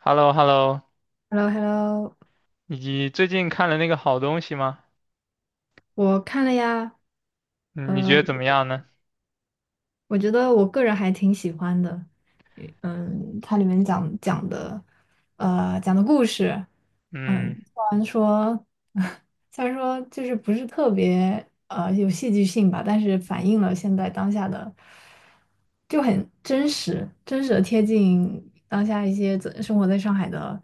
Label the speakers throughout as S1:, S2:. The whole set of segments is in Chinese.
S1: h e l l o h e l l o
S2: h e l l o h e l l o
S1: 你最近看了那个好东西吗？
S2: 我看了呀。
S1: 嗯你觉
S2: 呃，
S1: 得怎么样呢？
S2: 我觉得我个人还挺喜欢的。嗯，它里面讲的故事。嗯，
S1: 嗯
S2: 虽然说，虽然说就是不是特别有戏剧性吧，但是反映了现在当下的，就很真实，真实的贴近当下一些在生活在上海的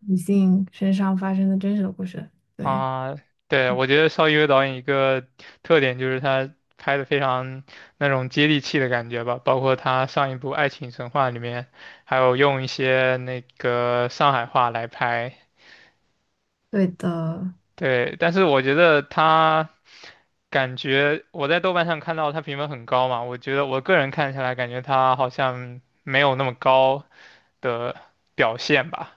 S2: 女性身上发生的真实的故事，对，
S1: 啊，对，我觉得邵艺薇导演一个特点就是他拍的非常那种接地气的感觉吧，包括他上一部《爱情神话》里面，还有用一些那个上海话来拍。
S2: 对的。
S1: 对，但是我觉得他感觉我在豆瓣上看到他评分很高嘛，我觉得我个人看起来感觉他好像没有那么高的表现吧。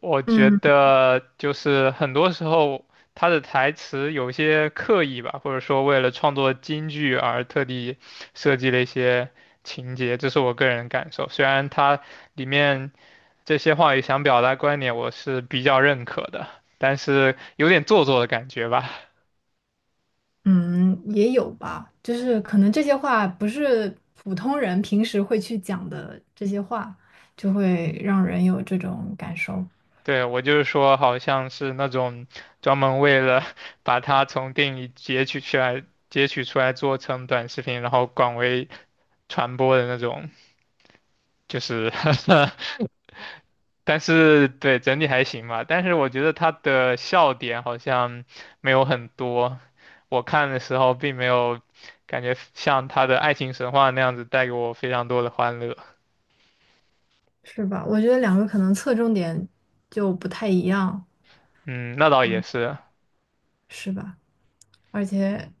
S1: 我觉
S2: 嗯。
S1: 得就是很多时候他的台词有些刻意吧，或者说为了创作京剧而特地设计了一些情节，这是我个人感受。虽然他里面这些话语想表达观点，我是比较认可的，但是有点做作的感觉吧。
S2: 嗯，也有吧，就是可能这些话不是普通人平时会去讲的这些话，就会让人有这种感受。
S1: 对，我就是说，好像是那种专门为了 把它从电影截取出来、做成短视频，然后广为传播的那种。就是 但是对整体还行吧，但是我觉得他的笑点好像没有很多，我看的时候并没有感觉像他的爱情神话那样子带给我非常多的欢乐。
S2: 是吧？我觉得两个可能侧重点就不太一样。
S1: 嗯，那倒也是，
S2: 是吧？而且，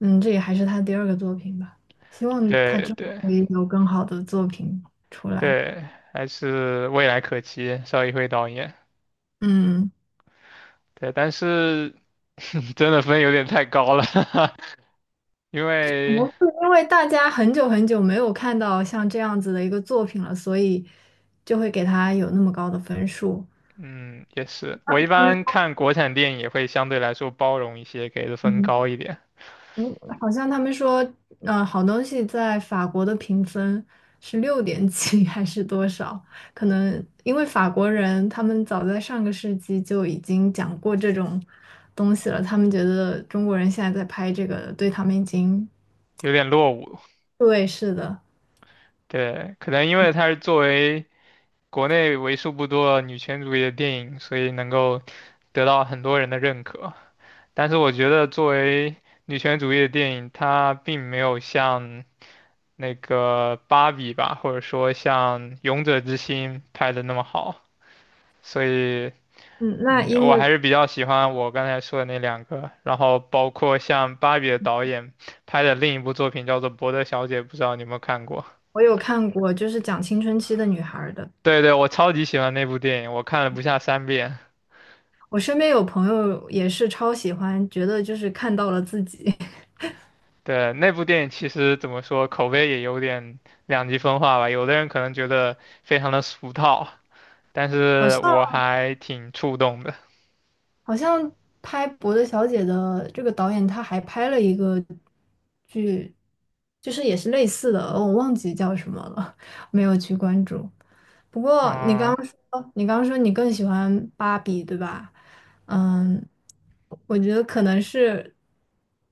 S2: 嗯，这也还是他第二个作品吧，希望他
S1: 对
S2: 之后
S1: 对
S2: 会有更好的作品出来。
S1: 对，还是未来可期，邵艺辉导演。
S2: 嗯，
S1: 对，但是 真的分有点太高了，因
S2: 可能
S1: 为
S2: 是因为大家很久很久没有看到像这样子的一个作品了，所以就会给他有那么高的分数。
S1: 嗯，也是。我一
S2: 他们。
S1: 般看国产电影也会相对来说包容一些，给的分
S2: 嗯，
S1: 高一点，
S2: 嗯好像他们说，嗯，好东西在法国的评分是六点几 还是多少？可能因为法国人他们早在上个世纪就已经讲过这种东西了，他们觉得中国人现在在拍这个，对他们已经，
S1: 有点落伍。
S2: 对，是的。
S1: 对，可能因为它是作为国内为数不多的女权主义的电影，所以能够得到很多人的认可。但是我觉得作为女权主义的电影，它并没有像那个《芭比》吧，或者说像《勇者之心》拍的那么好，所以
S2: 嗯，那
S1: 嗯，
S2: 因
S1: 我
S2: 为
S1: 还是比较喜欢我刚才说的那两个，然后包括像芭比的导演拍的另一部作品叫做《伯德小姐》，不知道你有没有看过？
S2: 我有看过，就是讲青春期的女孩儿的，
S1: 对，我超级喜欢那部电影，我看了不下三遍。
S2: 我身边有朋友也是超喜欢，觉得就是看到了自己。
S1: 对，那部电影其实怎么说，口碑也有点两极分化吧，有的人可能觉得非常的俗套，但
S2: 好
S1: 是
S2: 像
S1: 我还挺触动的。
S2: 好像拍《伯德小姐》的这个导演，他还拍了一个剧，就是也是类似的，我忘记叫什么了，没有去关注。不过你刚
S1: 嗯，
S2: 刚说，你刚刚说你更喜欢芭比，对吧？嗯，我觉得可能是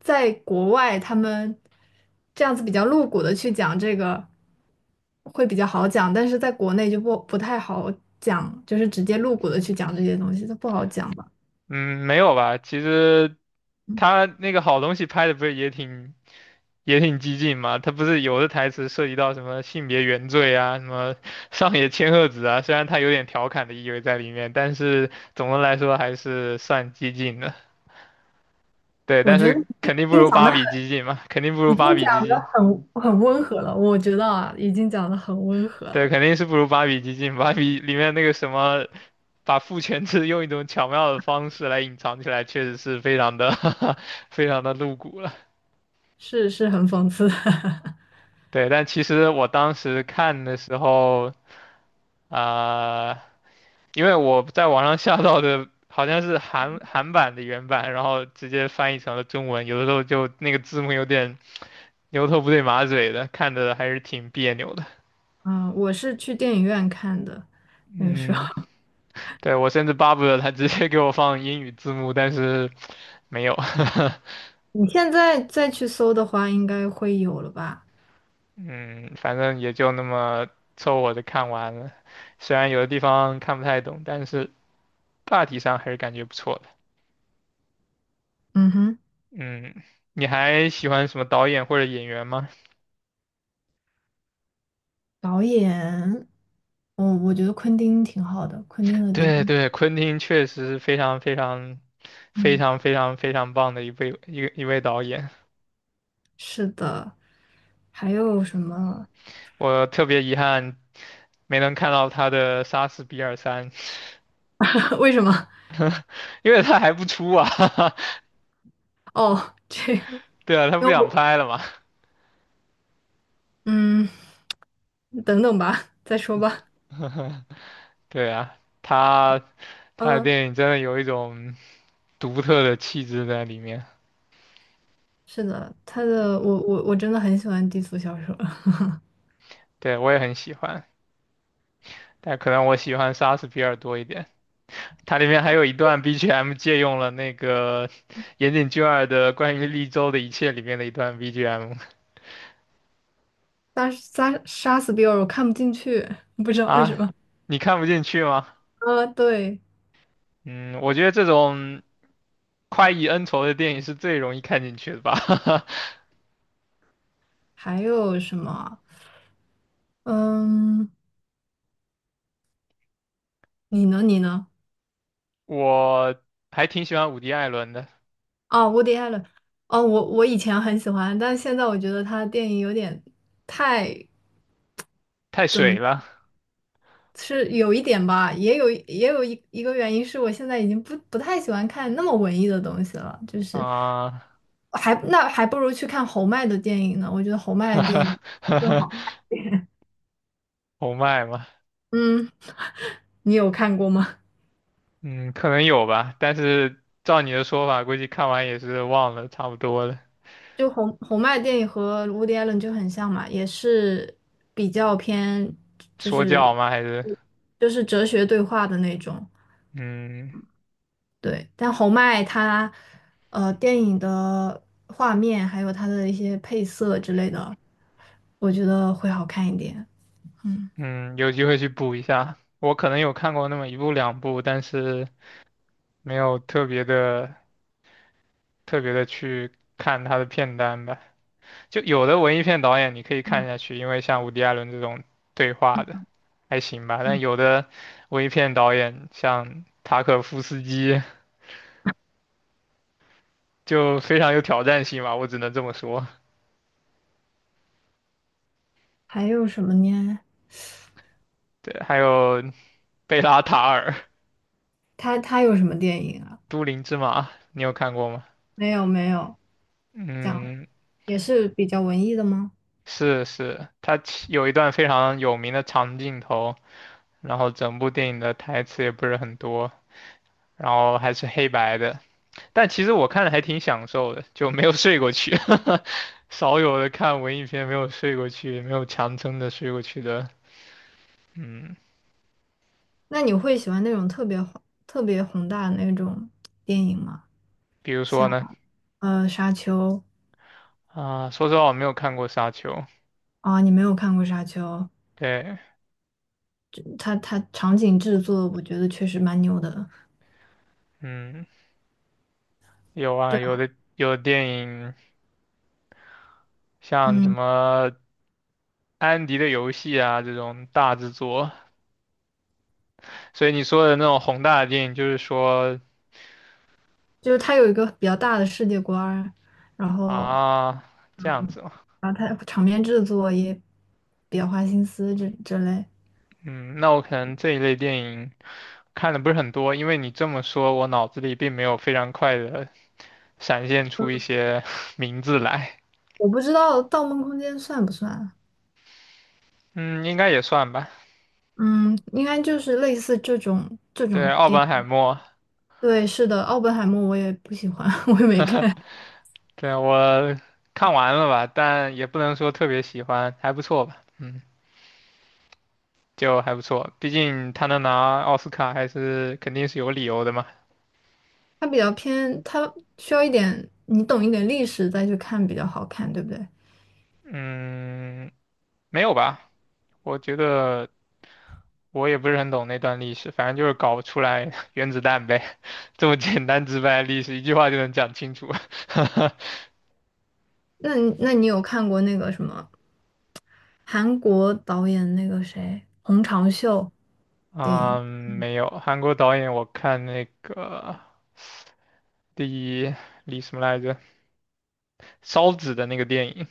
S2: 在国外，他们这样子比较露骨的去讲这个会比较好讲，但是在国内就不太好讲，就是直接露骨的去讲这些东西，它不好讲。吧。
S1: 嗯，没有吧？其实他那个好东西拍的不是也挺激进嘛？他不是有的台词涉及到什么性别原罪啊，什么 上野千鹤子啊，虽然他有点调侃的意味在里面，但是总的来说还是算激进的。对，
S2: 我
S1: 但
S2: 觉得
S1: 是
S2: 已
S1: 肯定不
S2: 经
S1: 如
S2: 讲
S1: 芭
S2: 的很，
S1: 比激进嘛，肯定不如
S2: 已经
S1: 芭比激
S2: 讲的
S1: 进。
S2: 很温和了。我觉得啊，已经讲的很温和了，
S1: 对，肯定是不如芭比激进。芭比里面那个什么，把父权制用一种巧妙的方式来隐藏起来，确实是非常的 非常的露骨了。
S2: 是是很讽刺的。
S1: 对，但其实我当时看的时候，啊、因为我在网上下到的好像是韩版的原版，然后直接翻译成了中文，有的时候就那个字幕有点牛头不对马嘴的，看着还是挺别扭的。
S2: 嗯，我是去电影院看的，那个时
S1: 嗯，
S2: 候。
S1: 对，我甚至巴不得他直接给我放英语字幕，但是没有。
S2: 你现在再去搜的话，应该会有了吧？
S1: 嗯，反正也就那么凑合的看完了，虽然有的地方看不太懂，但是大体上还是感觉不错的。
S2: 嗯哼。
S1: 嗯，你还喜欢什么导演或者演员吗？
S2: 导演，我觉得昆汀挺好的，昆汀 的电
S1: 对
S2: 影。
S1: 对，昆汀确实是非常非常非
S2: 嗯，
S1: 常非常非常棒的一位导演，
S2: 是的。还有什么？
S1: 我特别遗憾没能看到他的《杀死比尔三》，
S2: 为什么？
S1: 因为他还不出啊。
S2: 哦，这，因
S1: 对啊，他
S2: 为
S1: 不想
S2: 我
S1: 拍了嘛。
S2: 嗯，等等吧，再说吧。
S1: 对啊，他的
S2: 嗯。
S1: 电影真的有一种独特的气质在里面，
S2: 是的，他的我真的很喜欢低俗小说。
S1: 对，我也很喜欢，但可能我喜欢莎士比尔多一点。它里面还有一段 BGM 借用了那个 岩井俊二的关于绿洲的一切里面的一段 BGM
S2: 杀死比尔我看不进去，不知道为什
S1: 啊，
S2: 么。
S1: 你看不进去吗？
S2: 对。
S1: 嗯，我觉得这种快意恩仇的电影是最容易看进去的吧。
S2: 还有什么啊嗯，你呢？你呢？
S1: 我还挺喜欢伍迪·艾伦的，
S2: 啊，我迪艾了。哦，我以前很喜欢，但现在我觉得他的电影有点太
S1: 太
S2: 怎
S1: 水
S2: 么？
S1: 了
S2: 是有一点吧，也有一个原因是我现在已经不太喜欢看那么文艺的东西了，就是
S1: 啊，
S2: 还那还不如去看侯麦的电影呢，我觉得侯 麦
S1: 哈
S2: 的电
S1: 哈
S2: 影
S1: 哈
S2: 更
S1: 哈，
S2: 好。
S1: 红麦嘛，
S2: 嗯，你有看过吗？
S1: 嗯，可能有吧，但是照你的说法，估计看完也是忘了差不多了。
S2: 就侯麦电影和 Woody Allen 就很像嘛，也是比较偏就
S1: 说教
S2: 是
S1: 吗？还是
S2: 就是哲学对话的那种。
S1: 嗯。
S2: 对，但侯麦他，电影的画面还有他的一些配色之类的，我觉得会好看一点。
S1: 嗯，有机会去补一下。我可能有看过那么一部两部，但是没有特别的去看他的片单吧。就有的文艺片导演你可以看
S2: 嗯
S1: 下去，因为像伍迪·艾伦这种对话的还行吧。但
S2: 嗯，
S1: 有的文艺片导演像塔可夫斯基就非常有挑战性吧，我只能这么说。
S2: 还有什么呢？
S1: 对，还有贝拉塔尔、
S2: 他他有什么电影啊？
S1: 都灵之马，你有看过吗？
S2: 没有没有，讲，
S1: 嗯，
S2: 也是比较文艺的吗？
S1: 是，他其有一段非常有名的长镜头。然后整部电影的台词也不是很多，然后还是黑白的，但其实我看了还挺享受的，就没有睡过去 少有的看文艺片没有睡过去，没有强撑着睡过去的，嗯，
S2: 那你会喜欢那种特别宏大的那种电影吗？
S1: 比如
S2: 像
S1: 说呢，
S2: 《沙丘》
S1: 说实话我没有看过《沙丘》，
S2: 啊，你没有看过《沙丘》，
S1: 对，
S2: 它它场景制作我觉得确实蛮牛的。
S1: 嗯，有啊，
S2: 对，
S1: 有的电影像什
S2: 嗯。
S1: 么。安迪的游戏啊，这种大制作，所以你说的那种宏大的电影，就是说
S2: 就是他有一个比较大的世界观儿然后
S1: 啊，这样
S2: 嗯，
S1: 子，
S2: 然后他场面制作也比较花心思这这类，
S1: 嗯，那我可能这一类电影看的不是很多，因为你这么说，我脑子里并没有非常快的闪现出一些 名字来。
S2: 我不知道《盗梦空间》算不算，
S1: 嗯，应该也算吧。
S2: 嗯，应该就是类似这种这
S1: 对，
S2: 种
S1: 奥
S2: 电
S1: 本
S2: 影。
S1: 海默，
S2: 对，是的，奥本海默我也不喜欢。我也没看，
S1: 对，我看完了吧，但也不能说特别喜欢，还不错吧。嗯，就还不错，毕竟他能拿奥斯卡还是肯定是有理由的嘛。
S2: 它比较偏，它需要一点你懂一点历史再去看比较好看，对不对？
S1: 嗯，没有吧？我觉得。我也不是很懂那段历史，反正就是搞出来 原子弹呗，这么简单直白的历史，一句话就能讲清楚。
S2: 那你有看过那个什么韩国导演那个谁洪长秀？电影？
S1: 嗯，没有，韩国导演我看那个第一李什么来着，烧纸的那个电影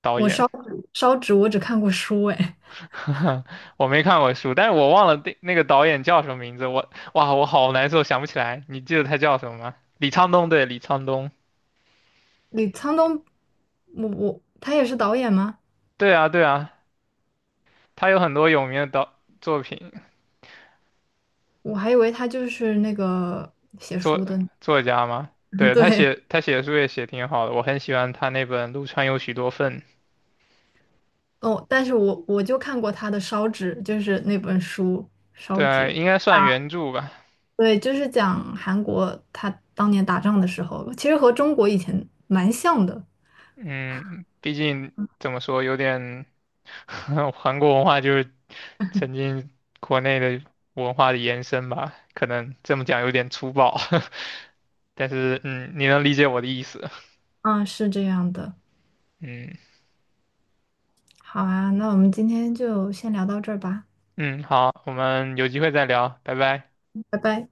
S1: 导
S2: 我
S1: 演，
S2: 烧纸我只看过书哎，
S1: 我没看过书，但是我忘了那个导演叫什么名字，我哇，我好难受，想不起来，你记得他叫什么吗？李沧东，对，李沧东，
S2: 李沧东，我他也是导演吗？
S1: 对啊，他有很多有名的导作品，
S2: 我还以为他就是那个写书
S1: 作
S2: 的呢。
S1: 作家吗？对，他
S2: 对
S1: 写他写的书也写挺好的，我很喜欢他那本《陆川有许多份》，
S2: 哦，但是我就看过他的烧纸，就是那本书烧
S1: 对，
S2: 纸，
S1: 应该算原著吧。
S2: 对，就是讲韩国他当年打仗的时候，其实和中国以前蛮像的，
S1: 嗯，毕竟怎么说，有点 韩国文化就是曾经国内的文化的延伸吧，可能这么讲有点粗暴，但是嗯，你能理解我的意思。
S2: 嗯，是这样的。
S1: 嗯
S2: 好啊，那我们今天就先聊到这儿吧，
S1: 嗯，好，我们有机会再聊，拜拜。
S2: 拜拜。